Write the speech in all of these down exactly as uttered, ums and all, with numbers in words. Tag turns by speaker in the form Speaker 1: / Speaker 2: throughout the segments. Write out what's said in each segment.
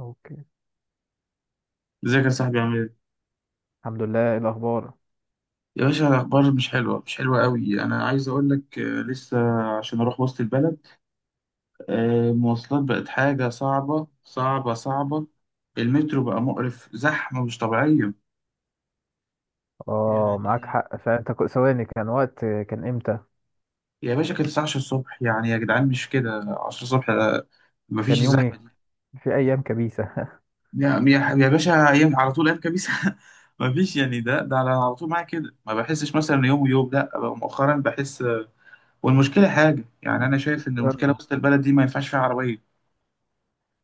Speaker 1: اوكي.
Speaker 2: ازيك يا صاحبي؟ عامل ايه؟
Speaker 1: الحمد لله، ايه الاخبار؟
Speaker 2: يا باشا الأخبار مش حلوة، مش حلوة قوي. أنا عايز أقول لك، آه، لسه عشان أروح وسط البلد. آه، المواصلات بقت حاجة صعبة صعبة صعبة. المترو بقى مقرف، زحمة مش طبيعية.
Speaker 1: اه معاك
Speaker 2: يعني
Speaker 1: حق. فانت كو- ثواني، كان وقت كان امتى؟
Speaker 2: يا باشا كانت الساعة عشرة الصبح، يعني يا جدعان مش كده. عشرة الصبح ده مفيش
Speaker 1: كان يوم
Speaker 2: الزحمة
Speaker 1: ايه؟
Speaker 2: دي.
Speaker 1: في ايام كبيسه.
Speaker 2: يا يا يا باشا، أيام على طول، أيام كبيسة. مفيش يعني. ده ده على على طول معايا كده، ما بحسش مثلا يوم ويوم، لا بقى مؤخرا بحس. والمشكله حاجه، يعني انا شايف ان المشكله
Speaker 1: يلا.
Speaker 2: وسط البلد دي ما ينفعش فيها عربيه.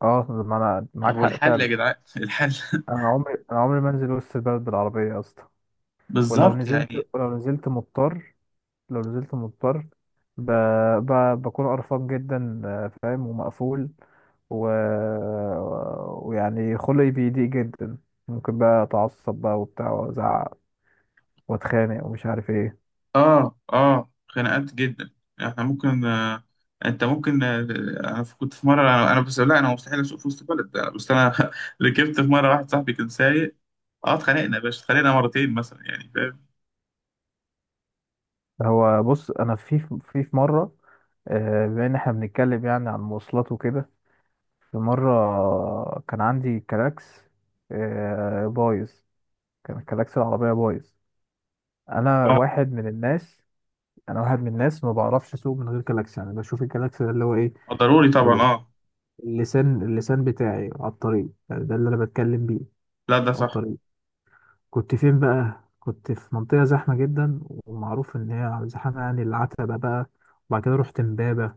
Speaker 1: اه ما انا معاك
Speaker 2: هو
Speaker 1: حق
Speaker 2: الحل يا
Speaker 1: فعلا.
Speaker 2: جدعان الحل.
Speaker 1: انا عمري انا عمري ما انزل وسط البلد بالعربيه يا اسطى. ولو
Speaker 2: بالظبط
Speaker 1: نزلت
Speaker 2: يعني.
Speaker 1: ولو نزلت مضطر، لو نزلت مضطر، ب... ب... بكون قرفان جدا، آه، فاهم ومقفول، و... ويعني خلقي بيضيق جدا. ممكن بقى اتعصب بقى وبتاع وازعق واتخانق ومش عارف ايه.
Speaker 2: اه اه، خناقات جدا. احنا ممكن آه، انت ممكن آه. انا ف- كنت في مره، انا أنا بس، لا انا مستحيل اسوق في وسط البلد. أنا- بس انا ركبت في مره واحد صاحبي كان سايق. اه، اتخانقنا يا باشا، اتخانقنا مرتين مثلا، يعني فاهم.
Speaker 1: هو بص، انا في في في مره، آه، بما ان احنا بنتكلم يعني عن المواصلات وكده، في مره كان عندي كلاكس آه، بايظ. كان كلاكس العربيه بايظ. انا
Speaker 2: اه،
Speaker 1: واحد من الناس، انا واحد من الناس ما بعرفش اسوق من غير كلاكس. يعني بشوف الكلاكس ده اللي هو ايه؟
Speaker 2: ضروري طبعا، اه.
Speaker 1: اللسان اللسان بتاعي على الطريق. يعني ده اللي انا بتكلم بيه،
Speaker 2: لا ده
Speaker 1: على
Speaker 2: صح.
Speaker 1: الطريق. كنت فين بقى؟ كنت في منطقه زحمه جدا، ومعروف ان هي زحمه، يعني العتبه بقى. وبعد كده رحت امبابه.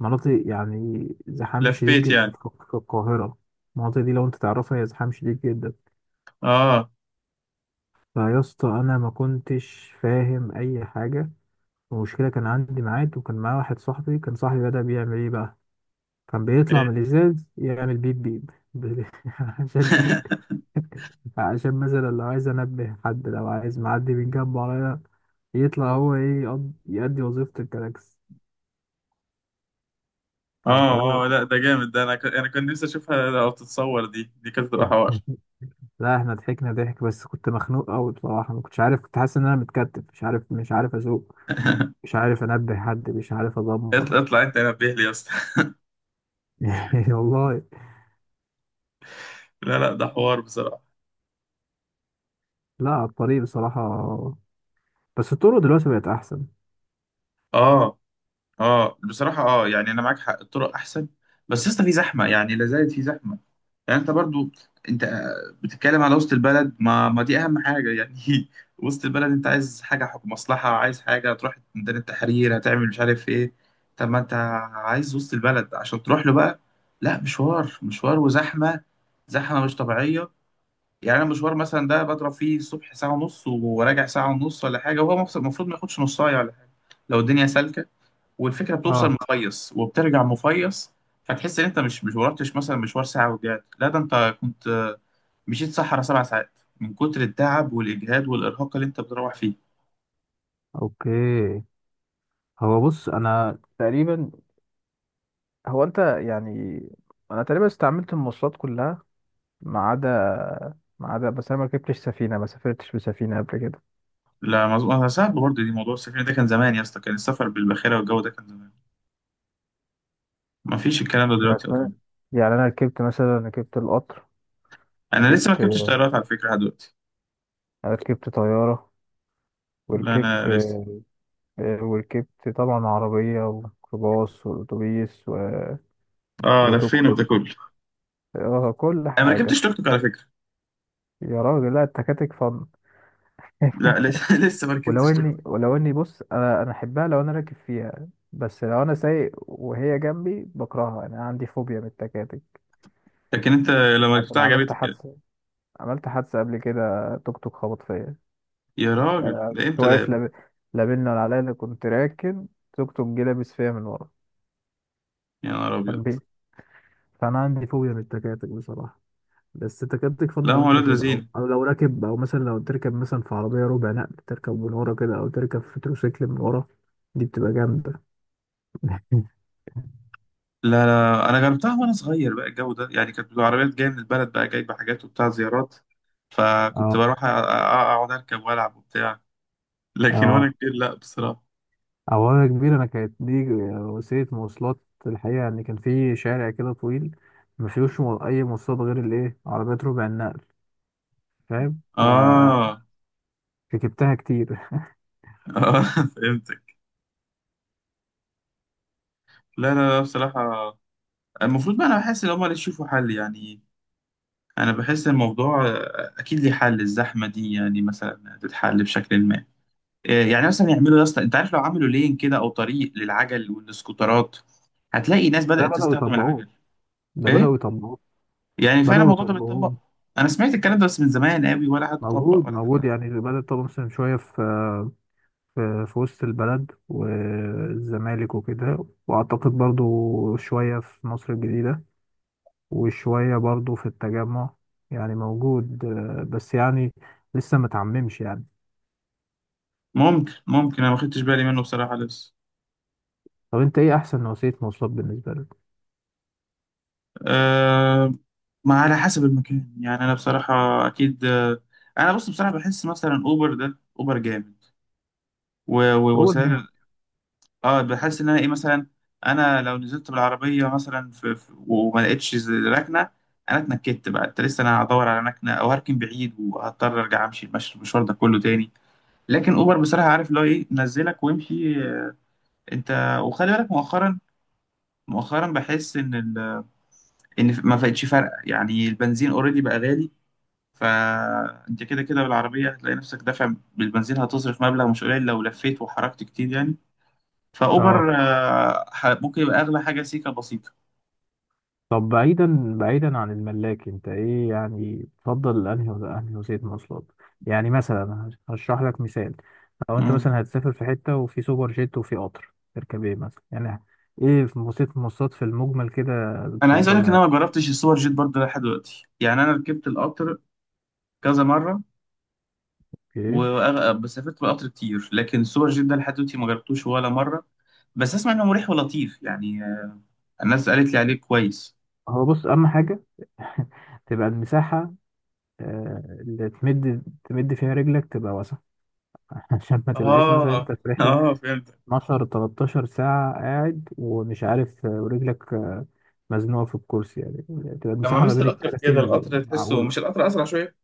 Speaker 1: مناطق يعني زحام شديد
Speaker 2: لفيت
Speaker 1: جدا
Speaker 2: يعني.
Speaker 1: في في القاهرة. المناطق دي لو انت تعرفها هي زحام شديد جدا.
Speaker 2: اه،
Speaker 1: فيا اسطى انا ما كنتش فاهم اي حاجة. المشكلة كان عندي ميعاد وكان معايا واحد صاحبي. كان صاحبي بدأ بيعمل ايه بقى؟ كان بيطلع
Speaker 2: إيه.
Speaker 1: من الازاز يعمل بيب بيب ب- عشان ايه؟ عشان مثلا لو عايز انبه حد، لو عايز معدي من جنبه عليا، يطلع هو ايه، يقض- يأدي وظيفة الكلاكس. كان حوار.
Speaker 2: اه اه، لا ده جامد ده. انا ك... انا كان نفسي اشوفها، لو تتصور دي دي كانت تبقى حوار.
Speaker 1: لا احنا ضحكنا ضحك، بس كنت مخنوق قوي بصراحة. ما كنتش عارف، كنت حاسس ان انا متكتف، مش عارف مش عارف اسوق، مش عارف انبه حد، مش عارف ادمر.
Speaker 2: اطلع اطلع، انت نبه لي يا اسطى.
Speaker 1: والله.
Speaker 2: لا لا، ده حوار بصراحه.
Speaker 1: لا على الطريق بصراحة. بس الطرق دلوقتي بقت احسن.
Speaker 2: اه اه بصراحه، اه يعني انا معاك حق، الطرق احسن. بس يا اسطى في زحمه، يعني لا زالت في زحمه. يعني انت برضو، انت بتتكلم على وسط البلد، ما ما دي اهم حاجه يعني. وسط البلد انت عايز حاجه، حكم مصلحه، عايز حاجه تروح ميدان التحرير، هتعمل مش عارف ايه. طب ما انت عايز وسط البلد عشان تروح له بقى. لا مشوار، مشوار وزحمه، زحمه مش طبيعيه. يعني انا مشوار مثلا ده بضرب فيه الصبح ساعه ونص، وراجع ساعه ونص ولا حاجه، وهو مفس- المفروض ما ياخدش نص ساعه ولا حاجه، لو الدنيا سالكه. والفكره بتوصل
Speaker 1: اه،
Speaker 2: مفيص وبترجع مفيص. فتحس ان انت مش مش ورحتش مثلا مشوار ساعه ورجعت، لا ده انت كنت آه، مشيت صحرا سبع ساعات، من كتر التعب والاجهاد والارهاق اللي انت بتروح فيه.
Speaker 1: اوكي. هو بص، انا تقريبا هو انت يعني انا تقريبا استعملت المواصلات كلها، ما عدا، ما عدا بس انا ما ركبتش سفينه، ما سافرتش بسفينه قبل كده.
Speaker 2: لا مظبوط. انا صعب برضه، دي موضوع السفر ده كان زمان يا اسطى، كان السفر بالباخره والجو ده كان زمان، ما فيش الكلام ده
Speaker 1: يعني
Speaker 2: دلوقتي
Speaker 1: أنا-
Speaker 2: اظن.
Speaker 1: يعني انا ركبت، مثلا ركبت القطر،
Speaker 2: انا لسه ما
Speaker 1: ركبت
Speaker 2: ركبتش طيارات على فكره لحد دلوقتي،
Speaker 1: ركبت طياره،
Speaker 2: لا انا
Speaker 1: وركبت
Speaker 2: لسه.
Speaker 1: آه، وركبت طبعا عربية وميكروباص وأتوبيس و...
Speaker 2: اه
Speaker 1: وتوك
Speaker 2: لفينا بده
Speaker 1: توك،
Speaker 2: كله.
Speaker 1: آه، كل
Speaker 2: انا ما ركبتش
Speaker 1: حاجة.
Speaker 2: توك توك على فكره.
Speaker 1: يا راجل لا، التكاتك فن.
Speaker 2: لا لسه لسه ما
Speaker 1: ولو
Speaker 2: ركبتش توك
Speaker 1: اني
Speaker 2: توك.
Speaker 1: ولو اني بص، انا انا احبها لو انا راكب فيها، بس لو انا سايق وهي جنبي بكرهها. انا عندي فوبيا من التكاتك،
Speaker 2: لكن انت لما
Speaker 1: عشان
Speaker 2: ركبتها
Speaker 1: عملت
Speaker 2: عجبتك يعني؟
Speaker 1: حادثة. عملت حادثة قبل كده. توك توك خبط فيا يعني.
Speaker 2: يا راجل،
Speaker 1: أنا
Speaker 2: ده
Speaker 1: كنت
Speaker 2: امتى ده يا
Speaker 1: واقف
Speaker 2: ابني؟
Speaker 1: لاب... لا بينا ولا عليا، أنا كنت راكن. توك توك جه لابس فيا من ورا،
Speaker 2: يا نهار ابيض!
Speaker 1: كان بيه. فانا عندي فوبيا من التكاتك بصراحة. بس انت كده بتكفن
Speaker 2: لا
Speaker 1: لو
Speaker 2: هم
Speaker 1: انت
Speaker 2: ولاد
Speaker 1: راكب، او
Speaker 2: لذين.
Speaker 1: او لو راكب، او مثلا لو تركب مثلا في عربيه ربع نقل، تركب من ورا كده، او تركب في تروسيكل من ورا. دي بتبقى جامده.
Speaker 2: لا لا، انا جربتها وانا صغير بقى، الجو ده يعني، كانت العربيات جايه من البلد بقى، جايبه حاجات وبتاع زيارات، فكنت
Speaker 1: اه
Speaker 2: بروح أ- أ- اقعد اركب والعب وبتاع. لكن وانا
Speaker 1: اه.
Speaker 2: كبير لا بصراحه.
Speaker 1: او انا كبير، انا كانت دي وسيله مواصلات. الحقيقه يعني كان في شارع كده طويل ما فيهوش مو- اي مواصلات غير الايه، عربيات ربع النقل. فاهم؟
Speaker 2: اه
Speaker 1: فركبتها
Speaker 2: اه.
Speaker 1: كتير.
Speaker 2: فهمتك. لا لا لا بصراحه، المفروض بقى انا بحس ان هم اللي يشوفوا حل يعني. انا بحس الموضوع آه، اكيد ليه حل، الزحمه دي يعني مثلا تتحل بشكل ما. آه، يعني مثلا يعملوا، يا اسطى انت عارف، لو عملوا لين كده او طريق للعجل والسكوترات، هتلاقي ناس
Speaker 1: ده
Speaker 2: بدأت
Speaker 1: بداوا
Speaker 2: تستخدم
Speaker 1: يطبقوه،
Speaker 2: العجل.
Speaker 1: ده
Speaker 2: ايه،
Speaker 1: بداوا يطبقوه
Speaker 2: يعني فعلا
Speaker 1: بداوا
Speaker 2: الموضوع ده
Speaker 1: يطبقوه.
Speaker 2: بيتطبق؟ انا سمعت الكلام ده بس من زمان قوي، ولا حد طبق
Speaker 1: موجود
Speaker 2: ولا حد
Speaker 1: موجود،
Speaker 2: عمل.
Speaker 1: يعني بدأ يطبق مثلا شويه في في في وسط البلد والزمالك وكده، وأعتقد برضو شوية في مصر الجديدة، وشوية برضو في التجمع. يعني موجود، آه، بس يعني لسه متعممش يعني.
Speaker 2: ممكن ممكن، انا ما خدتش بالي منه بصراحه لسه.
Speaker 1: طب انت ايه احسن نوعية مواصلات بالنسبة لك؟
Speaker 2: أه، ما على حسب المكان يعني. انا بصراحه اكيد آه، انا بص بصراحه بحس مثلا اوبر ده، اوبر جامد. و-
Speaker 1: هو
Speaker 2: ووسائل
Speaker 1: الجامع.
Speaker 2: ال- اه بحس ان انا ايه مثلا، انا لو نزلت بالعربيه مثلا في في- وما لقيتش ز- ركنه، انا اتنكدت بقى. انت لسه انا هدور على مكنه او هركن بعيد، وهضطر ارجع امشي المشي- المشوار ده كله تاني. لكن اوبر بصراحه، عارف اللي هو ايه، نزلك وامشي. آه، انت وخلي بالك مؤخرا، مؤخرا بحس ان ال... ان ما بقتش فارقه يعني، البنزين اوريدي بقى غالي، فانت كده كده بالعربيه هتلاقي نفسك دافع بالبنزين، هتصرف مبلغ مش قليل لو لفيت وحركت كتير يعني.
Speaker 1: اه.
Speaker 2: فاوبر آه، ح- ممكن يبقى اغلى حاجه سيكه بسيطه.
Speaker 1: طب بعيدا، بعيدا عن الملاك، انت ايه يعني، تفضل انهي ولا انهي وسيله مواصلات؟ يعني مثلا هشرح لك مثال. لو انت
Speaker 2: مم.
Speaker 1: مثلا هتسافر في حته، وفي سوبر جيت، وفي قطر، تركب ايه مثلا يعني؟ ايه في وسيله المواصلات في المجمل كده
Speaker 2: انا عايز اقول لك ان
Speaker 1: بتفضلها؟
Speaker 2: انا ما جربتش السوبر جيت برضه لحد دلوقتي. يعني انا ركبت القطر كذا مره،
Speaker 1: ايه.
Speaker 2: وأغ- بس سافرت بالقطر كتير، لكن سوبر جيت ده لحد دلوقتي ما جربتوش ولا مرة. بس اسمع انه مريح ولطيف يعني، آه، الناس قالت لي عليه كويس.
Speaker 1: هو بص، اهم حاجه تبقى المساحه، آه، اللي تمد، تمد فيها رجلك، تبقى واسعه. عشان ما تبقاش مثلا
Speaker 2: اه
Speaker 1: انت في رحله
Speaker 2: اه فهمت.
Speaker 1: 12 تلتاشر ساعه قاعد ومش عارف، آه، ورجلك مزنوقه في الكرسي. يعني يعني تبقى
Speaker 2: لما
Speaker 1: المساحه ما
Speaker 2: مست
Speaker 1: بين
Speaker 2: القطر في كده،
Speaker 1: الكراسي
Speaker 2: القطر تحسه
Speaker 1: معقوله.
Speaker 2: مش، القطر اسرع شويه؟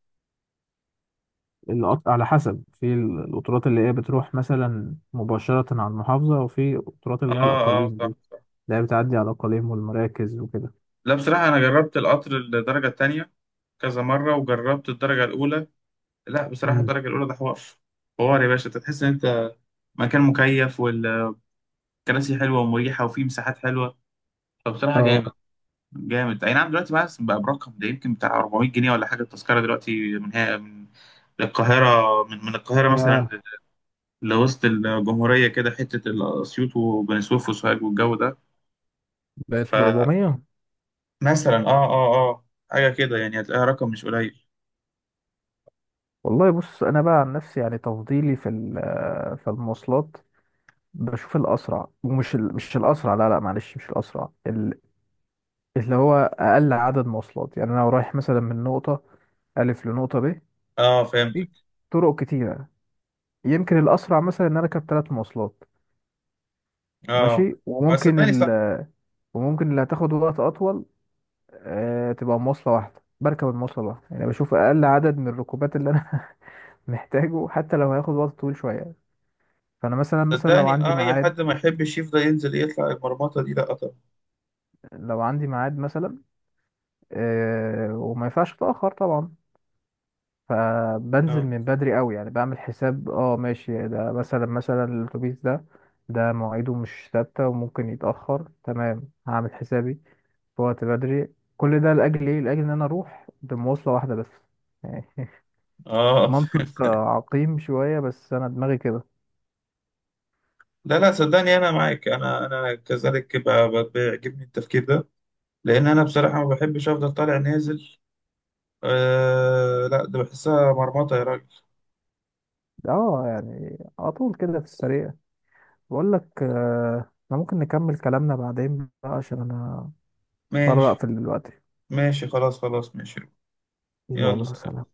Speaker 1: القط- على حسب، في القطارات اللي هي بتروح مثلا مباشره على المحافظه، وفي قطارات
Speaker 2: اه
Speaker 1: اللي هي
Speaker 2: اه
Speaker 1: الاقاليم دي،
Speaker 2: صح صح.
Speaker 1: اللي هي بتعدي على الاقاليم والمراكز وكده.
Speaker 2: لا بصراحه انا جربت القطر الدرجه الثانيه كذا مره، وجربت الدرجه الاولى. لا بصراحه،
Speaker 1: امم
Speaker 2: الدرجه الاولى ده حوار، حوار يا باشا. أنت تحس ان انت مكان مكيف، والكراسي حلوه ومريحه، وفيه مساحات حلوه. فبصراحه
Speaker 1: اه.
Speaker 2: جامد، جامد. اي نعم، دلوقتي بقى بقى برقم ده، يمكن بتاع اربعمية جنيه ولا حاجه التذكره دلوقتي، من هي، من القاهره، من من القاهره
Speaker 1: يا،
Speaker 2: مثلا لوسط الجمهوريه كده حته، اسيوط وبني سويف وسوهاج والجو ده.
Speaker 1: بقت ب
Speaker 2: فمثلا
Speaker 1: اربعمية؟
Speaker 2: اه اه اه، حاجه كده يعني، هتلاقيها رقم مش قليل.
Speaker 1: والله بص انا بقى عن نفسي، يعني تفضيلي في ال- في المواصلات، بشوف الاسرع. ومش ال... مش الاسرع لا لا، معلش، مش الاسرع، ال... اللي هو اقل عدد مواصلات. يعني انا لو رايح مثلا من نقطه الف لنقطه ب،
Speaker 2: اه فهمتك.
Speaker 1: في طرق كتيرة. يمكن الأسرع مثلا إن أنا أركب ثلاث مواصلات
Speaker 2: اه
Speaker 1: ماشي،
Speaker 2: آه،
Speaker 1: وممكن
Speaker 2: صدقني صح.
Speaker 1: ال... وممكن اللي هتاخد وقت أطول آه تبقى مواصلة واحدة. بركب المواصلة الواحدة، يعني بشوف أقل عدد من الركوبات اللي أنا محتاجه، حتى لو هياخد وقت طويل شوية. فأنا مثلا، مثلا لو
Speaker 2: صدقني،
Speaker 1: عندي
Speaker 2: اه اي حد
Speaker 1: ميعاد،
Speaker 2: ما يحبش يفضل ينزل يطلع المرمطه دي، لا طبعا.
Speaker 1: لو عندي ميعاد مثلا، آه وما ينفعش أتأخر طبعا، فبنزل
Speaker 2: اه
Speaker 1: من بدري قوي. يعني بعمل حساب اه ماشي ده، مثلا، مثلا الأتوبيس ده، ده مواعيده مش ثابتة وممكن يتأخر، تمام، هعمل حسابي في وقت بدري. كل ده لأجل إيه؟ لأجل إن أنا أروح بمواصلة واحدة بس يعني.
Speaker 2: اه.
Speaker 1: منطق، آه، عقيم شوية، بس أنا دماغي كده.
Speaker 2: لا لا، صدقني انا معاك، انا انا كذلك، ب- ب- بيعجبني التفكير ده، لان انا بصراحه ما بحبش افضل طالع نازل. آه لا، ده بحسها مرمطه يا راجل.
Speaker 1: اه. يعني على طول كده في السريع، بقول لك آه، احنا ممكن نكمل كلامنا بعدين بقى، عشان أنا برق
Speaker 2: ماشي،
Speaker 1: في دلوقتي.
Speaker 2: ماشي خلاص، خلاص ماشي. يلا
Speaker 1: يلا
Speaker 2: سلام.
Speaker 1: سلام.